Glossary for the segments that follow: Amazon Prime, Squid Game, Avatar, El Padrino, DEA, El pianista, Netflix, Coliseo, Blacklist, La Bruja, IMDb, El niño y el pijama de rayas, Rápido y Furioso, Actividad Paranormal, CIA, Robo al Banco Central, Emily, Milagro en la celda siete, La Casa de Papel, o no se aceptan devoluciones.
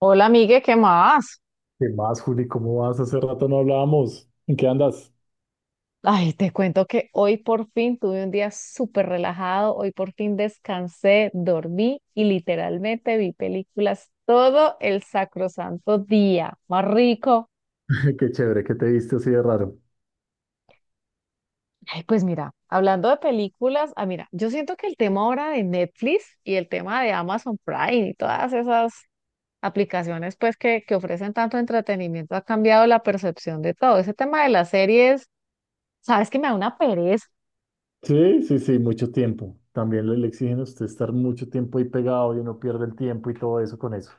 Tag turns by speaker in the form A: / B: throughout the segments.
A: Hola, amigue, ¿qué más?
B: ¿Qué más, Juli? ¿Cómo vas? Hace rato no hablábamos. ¿En qué andas?
A: Ay, te cuento que hoy por fin tuve un día súper relajado, hoy por fin descansé, dormí y literalmente vi películas todo el sacrosanto día. Más rico.
B: Qué chévere que te viste así de raro.
A: Ay, pues mira, hablando de películas, mira, yo siento que el tema ahora de Netflix y el tema de Amazon Prime y todas esas aplicaciones pues que ofrecen tanto entretenimiento ha cambiado la percepción de todo. Ese tema de las series, sabes que me da una pereza.
B: Sí, sí, sí, mucho tiempo. También le exigen a usted estar mucho tiempo ahí pegado y uno pierde el tiempo y todo eso con eso.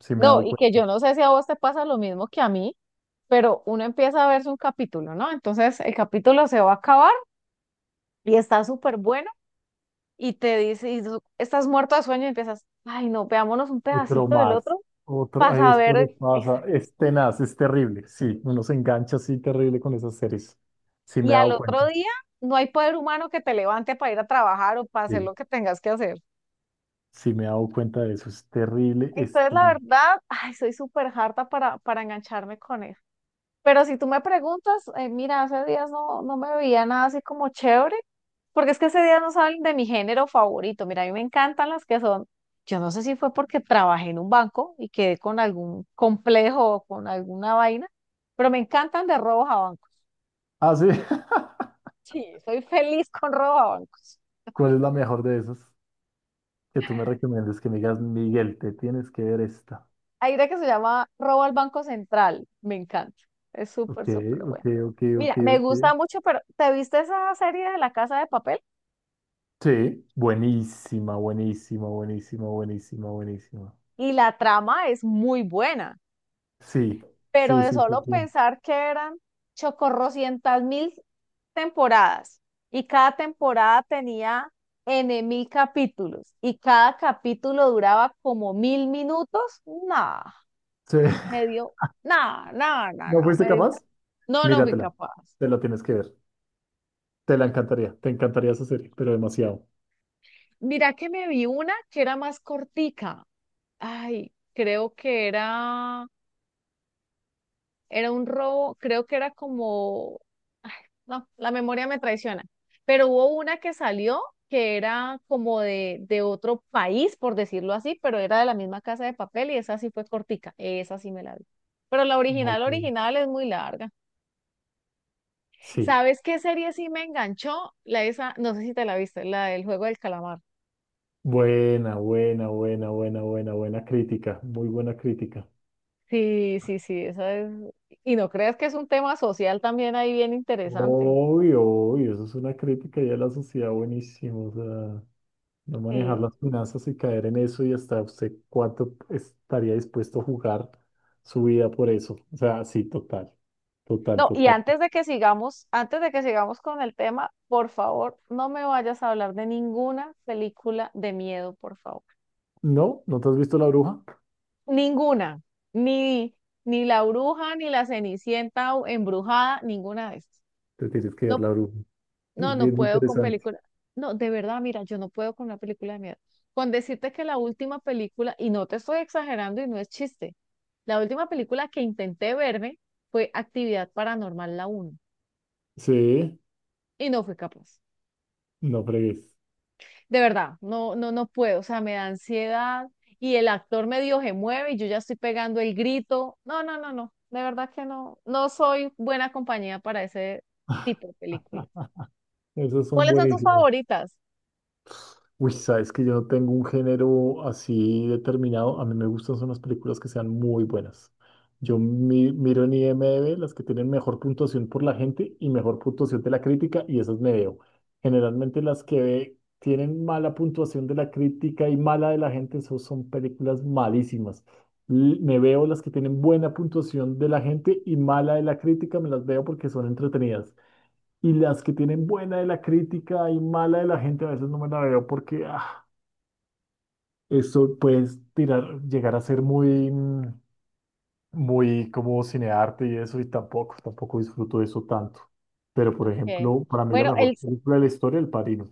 B: Sí me he
A: No,
B: dado
A: y que
B: cuenta.
A: yo no sé si a vos te pasa lo mismo que a mí, pero uno empieza a verse un capítulo, ¿no? Entonces el capítulo se va a acabar y está súper bueno y te dice, y tú estás muerto de sueño y empiezas, ay no, veámonos un
B: Otro
A: pedacito del
B: más.
A: otro
B: Otro,
A: para
B: a esto le
A: saber, esa".
B: pasa. Es tenaz, es terrible. Sí, uno se engancha así terrible con esas series. Sí
A: Y
B: me he
A: al
B: dado
A: otro
B: cuenta.
A: día no hay poder humano que te levante para ir a trabajar o para hacer
B: Sí,
A: lo que tengas que hacer.
B: sí me he dado cuenta de eso. Es terrible, es
A: Entonces la
B: tenaz.
A: verdad, ay, soy súper harta para engancharme con eso. Pero si tú me preguntas, mira, hace días no, no me veía nada así como chévere, porque es que ese día no saben de mi género favorito. Mira, a mí me encantan las que son, yo no sé si fue porque trabajé en un banco y quedé con algún complejo o con alguna vaina, pero me encantan de robos a bancos.
B: Ah, sí.
A: Sí, soy feliz con robos a bancos.
B: ¿Cuál es la mejor de esas? Que tú me recomiendes, que me digas, Miguel, te tienes que ver esta.
A: Hay una que se llama Robo al Banco Central, me encanta. Es
B: Ok,
A: súper, súper
B: ok,
A: bueno.
B: ok, ok,
A: Mira, me
B: ok.
A: gusta mucho, pero ¿te viste esa serie de La Casa de Papel?
B: Sí, buenísima, buenísima, buenísima, buenísima, buenísima.
A: Y la trama es muy buena,
B: Sí,
A: pero
B: sí,
A: de
B: sí, sí,
A: solo
B: sí.
A: pensar que eran chocorrocientas mil temporadas y cada temporada tenía N mil capítulos y cada capítulo duraba como mil minutos, nada,
B: Sí.
A: me dio, nada, nada, nada,
B: ¿No
A: nada,
B: fuiste
A: me dio
B: capaz?
A: una- no, no fui
B: Míratela,
A: capaz.
B: te la tienes que ver. Te la encantaría, te encantaría esa serie, pero demasiado.
A: Mira que me vi una que era más cortica, ay, creo que era. Era un robo, creo que era como, ay, no, la memoria me traiciona, pero hubo una que salió que era como de otro país, por decirlo así, pero era de la misma casa de papel y esa sí fue cortica, esa sí me la vi. Pero la original,
B: Ok.
A: original es muy larga.
B: Sí,
A: ¿Sabes qué serie sí me enganchó? La esa, no sé si te la viste, la del juego del calamar.
B: buena, buena, buena, buena, buena, buena crítica, muy buena crítica.
A: Sí, sí, sí, esa es. Y no creas que es un tema social también ahí bien interesante.
B: Obvio, obvio, eso es una crítica ya a la sociedad, buenísimo, o sea. No manejar
A: Sí.
B: las finanzas y caer en eso y hasta usted cuánto estaría dispuesto a jugar su vida por eso. O sea, sí, total, total,
A: No, y
B: total.
A: antes de que sigamos, antes de que sigamos con el tema, por favor, no me vayas a hablar de ninguna película de miedo, por favor.
B: No, ¿no te has visto La Bruja?
A: Ninguna. Ni, ni La Bruja, ni La Cenicienta o embrujada, ninguna de estas.
B: Te tienes que ver
A: No,
B: La Bruja.
A: no,
B: Es
A: no
B: bien
A: puedo con
B: interesante.
A: películas. No, de verdad, mira, yo no puedo con una película de miedo. Con decirte que la última película, y no te estoy exagerando y no es chiste, la última película que intenté verme fue Actividad Paranormal la uno
B: Sí,
A: y no fui capaz.
B: no fregues.
A: De verdad, no, no, no puedo, o sea, me da ansiedad y el actor medio se mueve y yo ya estoy pegando el grito. No, no, no, no, de verdad que no, no soy buena compañía para ese tipo de películas.
B: Ah, esos son
A: ¿Cuáles son tus
B: buenísimos.
A: favoritas?
B: Uy, sabes que yo no tengo un género así determinado. A mí me gustan son las películas que sean muy buenas. Yo miro en IMDb las que tienen mejor puntuación por la gente y mejor puntuación de la crítica y esas me veo. Generalmente las que tienen mala puntuación de la crítica y mala de la gente, eso son películas malísimas. Me veo las que tienen buena puntuación de la gente y mala de la crítica, me las veo porque son entretenidas. Y las que tienen buena de la crítica y mala de la gente, a veces no me la veo porque ah, eso puede tirar, llegar a ser muy, muy como cinearte y eso, y tampoco, tampoco disfruto de eso tanto. Pero, por
A: Okay.
B: ejemplo, para mí la
A: Bueno,
B: mejor película de la historia, El Padrino.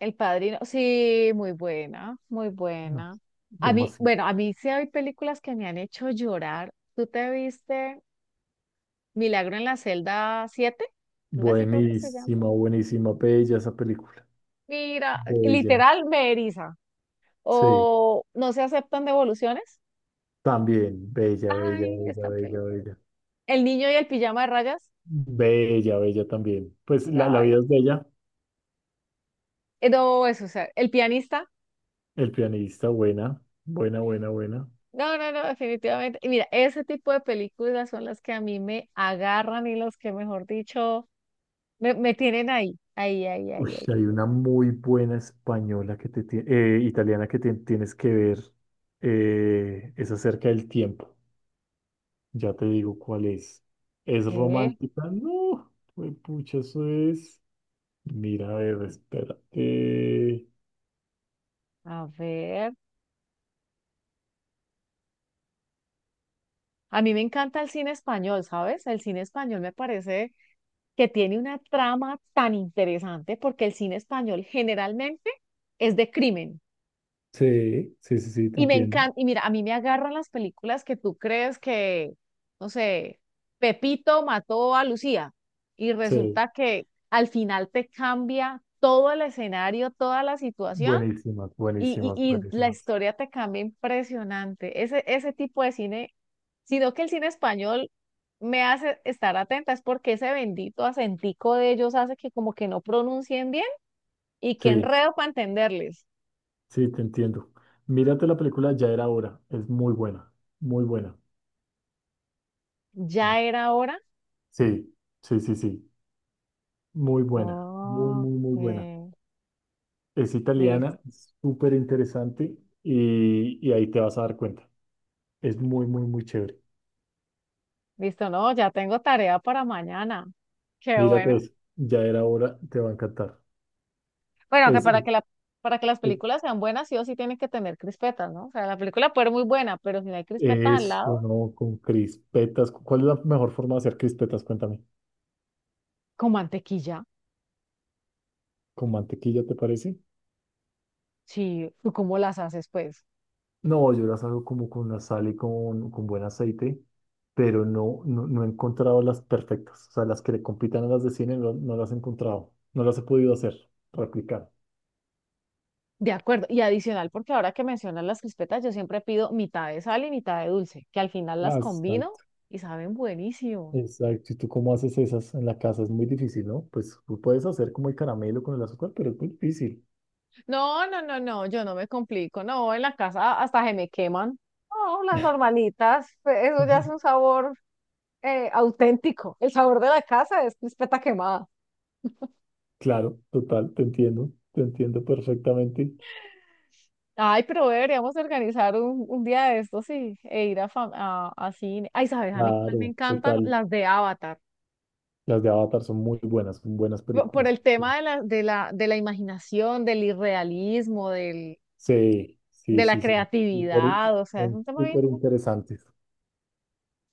A: el Padrino, sí, muy buena, muy
B: No,
A: buena. A mí,
B: demasiado.
A: bueno, a mí sí hay películas que me han hecho llorar. ¿Tú te viste Milagro en la celda 7? Algo así creo que se llama.
B: Buenísima, buenísima, bella esa película.
A: Mira,
B: Bella,
A: literal me eriza.
B: sí,
A: O no se aceptan devoluciones.
B: también, bella, bella,
A: Ay,
B: bella,
A: esta
B: bella,
A: película.
B: bella.
A: El niño y el pijama de rayas.
B: Bella, bella también. Pues la
A: Ay,
B: vida es bella,
A: no, eso, o sea, El pianista,
B: El pianista, buena, buena, buena, buena.
A: no, no, no, definitivamente. Y mira, ese tipo de películas son las que a mí me agarran y los que, mejor dicho, me tienen ahí, ahí, ahí,
B: Uy,
A: ahí, ahí.
B: hay una muy buena española italiana que te tienes que ver. Es acerca del tiempo. Ya te digo cuál es. ¿Es
A: Ve,
B: romántica? No, pues pucha, eso es. Mira, a ver, espérate.
A: a ver. A mí me encanta el cine español, ¿sabes? El cine español me parece que tiene una trama tan interesante porque el cine español generalmente es de crimen.
B: Sí, sí, sí, sí, te
A: Y me
B: entiendo.
A: encanta, y mira, a mí me agarran las películas que tú crees que, no sé, Pepito mató a Lucía y
B: Sí,
A: resulta que al final te cambia todo el escenario, toda la situación
B: buenísimas,
A: y,
B: buenísimas,
A: y, y la
B: buenísimas.
A: historia te cambia impresionante. Ese tipo de cine, sino que el cine español me hace estar atenta, es porque ese bendito acentico de ellos hace que como que no pronuncien bien y que
B: Sí,
A: enredo para entenderles.
B: sí, te entiendo. Mírate la película, ya era hora. Es muy buena, muy buena.
A: Ya era hora.
B: Sí, sí, sí, sí. Muy buena, muy, muy, muy buena.
A: Ok.
B: Es italiana,
A: Listo,
B: es súper interesante, y ahí te vas a dar cuenta. Es muy, muy, muy chévere.
A: listo, no, ya tengo tarea para mañana. Qué
B: Mírate
A: bueno.
B: eso, ya era hora, te va a encantar.
A: Bueno, que
B: Es, es,
A: para que la, para que las
B: es-
A: películas sean buenas, sí o sí tienen que tener crispetas, ¿no? O sea, la película puede ser muy buena, pero si no hay crispetas al
B: Eso,
A: lado,
B: ¿no? Con crispetas. ¿Cuál es la mejor forma de hacer crispetas? Cuéntame.
A: con mantequilla,
B: ¿Con mantequilla te parece?
A: sí, ¿tú cómo las haces, pues?
B: No, yo las hago como con la sal y con buen aceite, pero no, no, no he encontrado las perfectas. O sea, las que le compitan a las de cine no, no las he encontrado. No las he podido hacer, replicar.
A: De acuerdo. Y adicional, porque ahora que mencionas las crispetas, yo siempre pido mitad de sal y mitad de dulce, que al final las
B: Ah,
A: combino
B: exacto.
A: y saben buenísimo.
B: Exacto. ¿Y tú cómo haces esas en la casa? Es muy difícil, ¿no? Pues tú puedes hacer como el caramelo con el azúcar, pero es muy difícil.
A: No, no, no, no, yo no me complico. No, en la casa hasta se me queman. No, las normalitas, pues, eso ya
B: Ajá.
A: es un sabor auténtico. El sabor de la casa es crispeta quemada.
B: Claro, total, te entiendo. Te entiendo perfectamente.
A: Ay, pero deberíamos organizar un día de estos y, e ir a, a cine. Ay, ¿sabes? A mí cuál me
B: Claro,
A: encantan
B: total.
A: las de Avatar.
B: Las de Avatar son muy buenas, son buenas
A: Por
B: películas.
A: el tema de la imaginación, del irrealismo, del,
B: Sí, sí,
A: de la
B: sí, son
A: creatividad. O sea, es un
B: son
A: tema bien.
B: súper interesantes.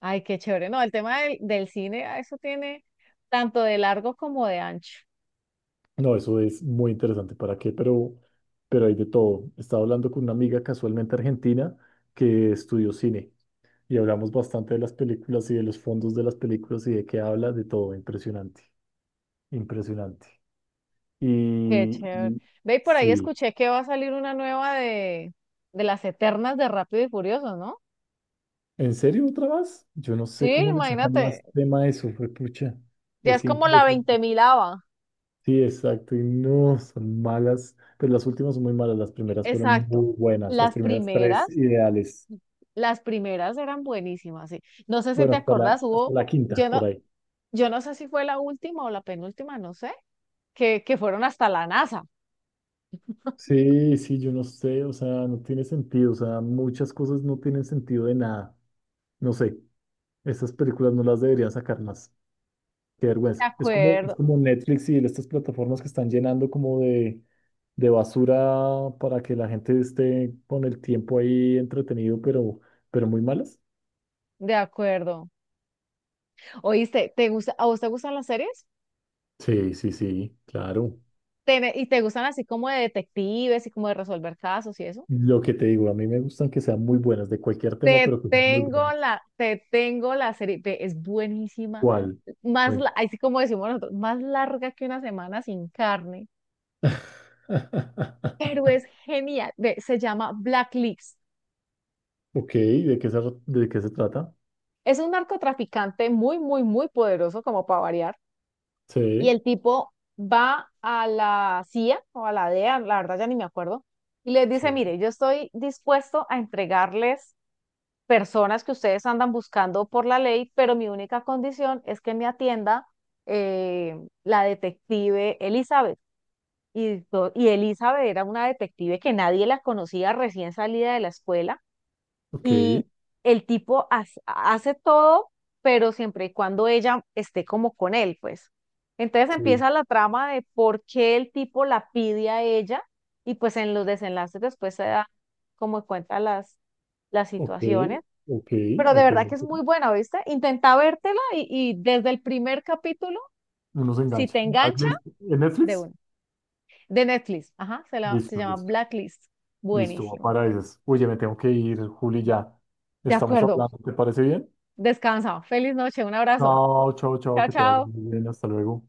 A: Ay, qué chévere. No, el tema del cine, eso tiene tanto de largo como de ancho.
B: No, eso es muy interesante. ¿Para qué? Pero hay de todo. Estaba hablando con una amiga casualmente argentina que estudió cine y hablamos bastante de las películas y de los fondos de las películas y de qué habla, de todo. Impresionante, impresionante.
A: Qué
B: Y,
A: chévere.
B: y
A: Ve, y por ahí
B: sí,
A: escuché que va a salir una nueva de las Eternas de Rápido y Furioso, ¿no?
B: ¿en serio otra vez? Yo no
A: Sí,
B: sé cómo le sacan
A: imagínate,
B: más tema a eso, fue pucha.
A: ya es
B: Es
A: como la veinte
B: impresionante.
A: milava.
B: Sí, exacto. Y no, son malas. Pero las últimas son muy malas. Las primeras fueron
A: Exacto.
B: muy buenas. Las
A: Las
B: primeras tres
A: primeras,
B: ideales.
A: las primeras eran buenísimas, sí. No sé si
B: Bueno,
A: te acordás,
B: hasta
A: hubo,
B: la quinta,
A: yo no,
B: por ahí.
A: yo no sé si fue la última o la penúltima, no sé, que fueron hasta la NASA.
B: Sí, sí, yo no sé. O sea, no tiene sentido. O sea, muchas cosas no tienen sentido de nada. No sé. Estas películas no las deberían sacar más. Qué
A: De
B: vergüenza. Es
A: acuerdo,
B: como Netflix y estas plataformas que están llenando como de basura para que la gente esté con el tiempo ahí entretenido, pero muy malas.
A: de acuerdo. Oíste, ¿te gusta, a vos te gustan las series?
B: Sí, sí, sí, claro.
A: ¿Y te gustan así como de detectives y como de resolver casos y eso?
B: Lo que te digo, a mí me gustan que sean muy buenas, de cualquier tema, pero que sean muy buenas.
A: Te tengo la serie, ve, es buenísima,
B: ¿Cuál?
A: más,
B: Bueno.
A: así como decimos nosotros, más larga que una semana sin carne, pero es genial, ve, se llama Blacklist.
B: Ok, ¿de qué se trata?
A: Es un narcotraficante muy, muy, muy poderoso, como para variar, y
B: Sí,
A: el tipo va a la CIA o a la DEA, la verdad ya ni me acuerdo, y les dice,
B: sí.
A: mire, yo estoy dispuesto a entregarles personas que ustedes andan buscando por la ley, pero mi única condición es que me atienda eh, la detective Elizabeth. Y, y Elizabeth era una detective que nadie la conocía, recién salida de la escuela,
B: Ok,
A: y el tipo hace, hace todo, pero siempre y cuando ella esté como con él, pues. Entonces
B: sí.
A: empieza la trama de por qué el tipo la pide a ella, y pues en los desenlaces después se da como cuenta las
B: Ok,
A: situaciones,
B: ok.
A: pero de
B: Hay que
A: verdad
B: ver.
A: que es muy buena, ¿viste? Intenta vértela y desde el primer capítulo,
B: Uno se
A: si
B: engancha.
A: te engancha,
B: ¿En
A: de
B: Netflix?
A: una. De Netflix, ajá, se, la, se
B: Listo,
A: llama
B: listo.
A: Blacklist.
B: Listo, va
A: Buenísimo.
B: para esas. Oye, me tengo que ir, Juli, ya.
A: De
B: Estamos
A: acuerdo,
B: hablando, ¿te parece bien?
A: descansa. Feliz noche, un abrazo.
B: Chao, chao, chao,
A: Chao,
B: que te vaya
A: chao.
B: muy bien. Hasta luego.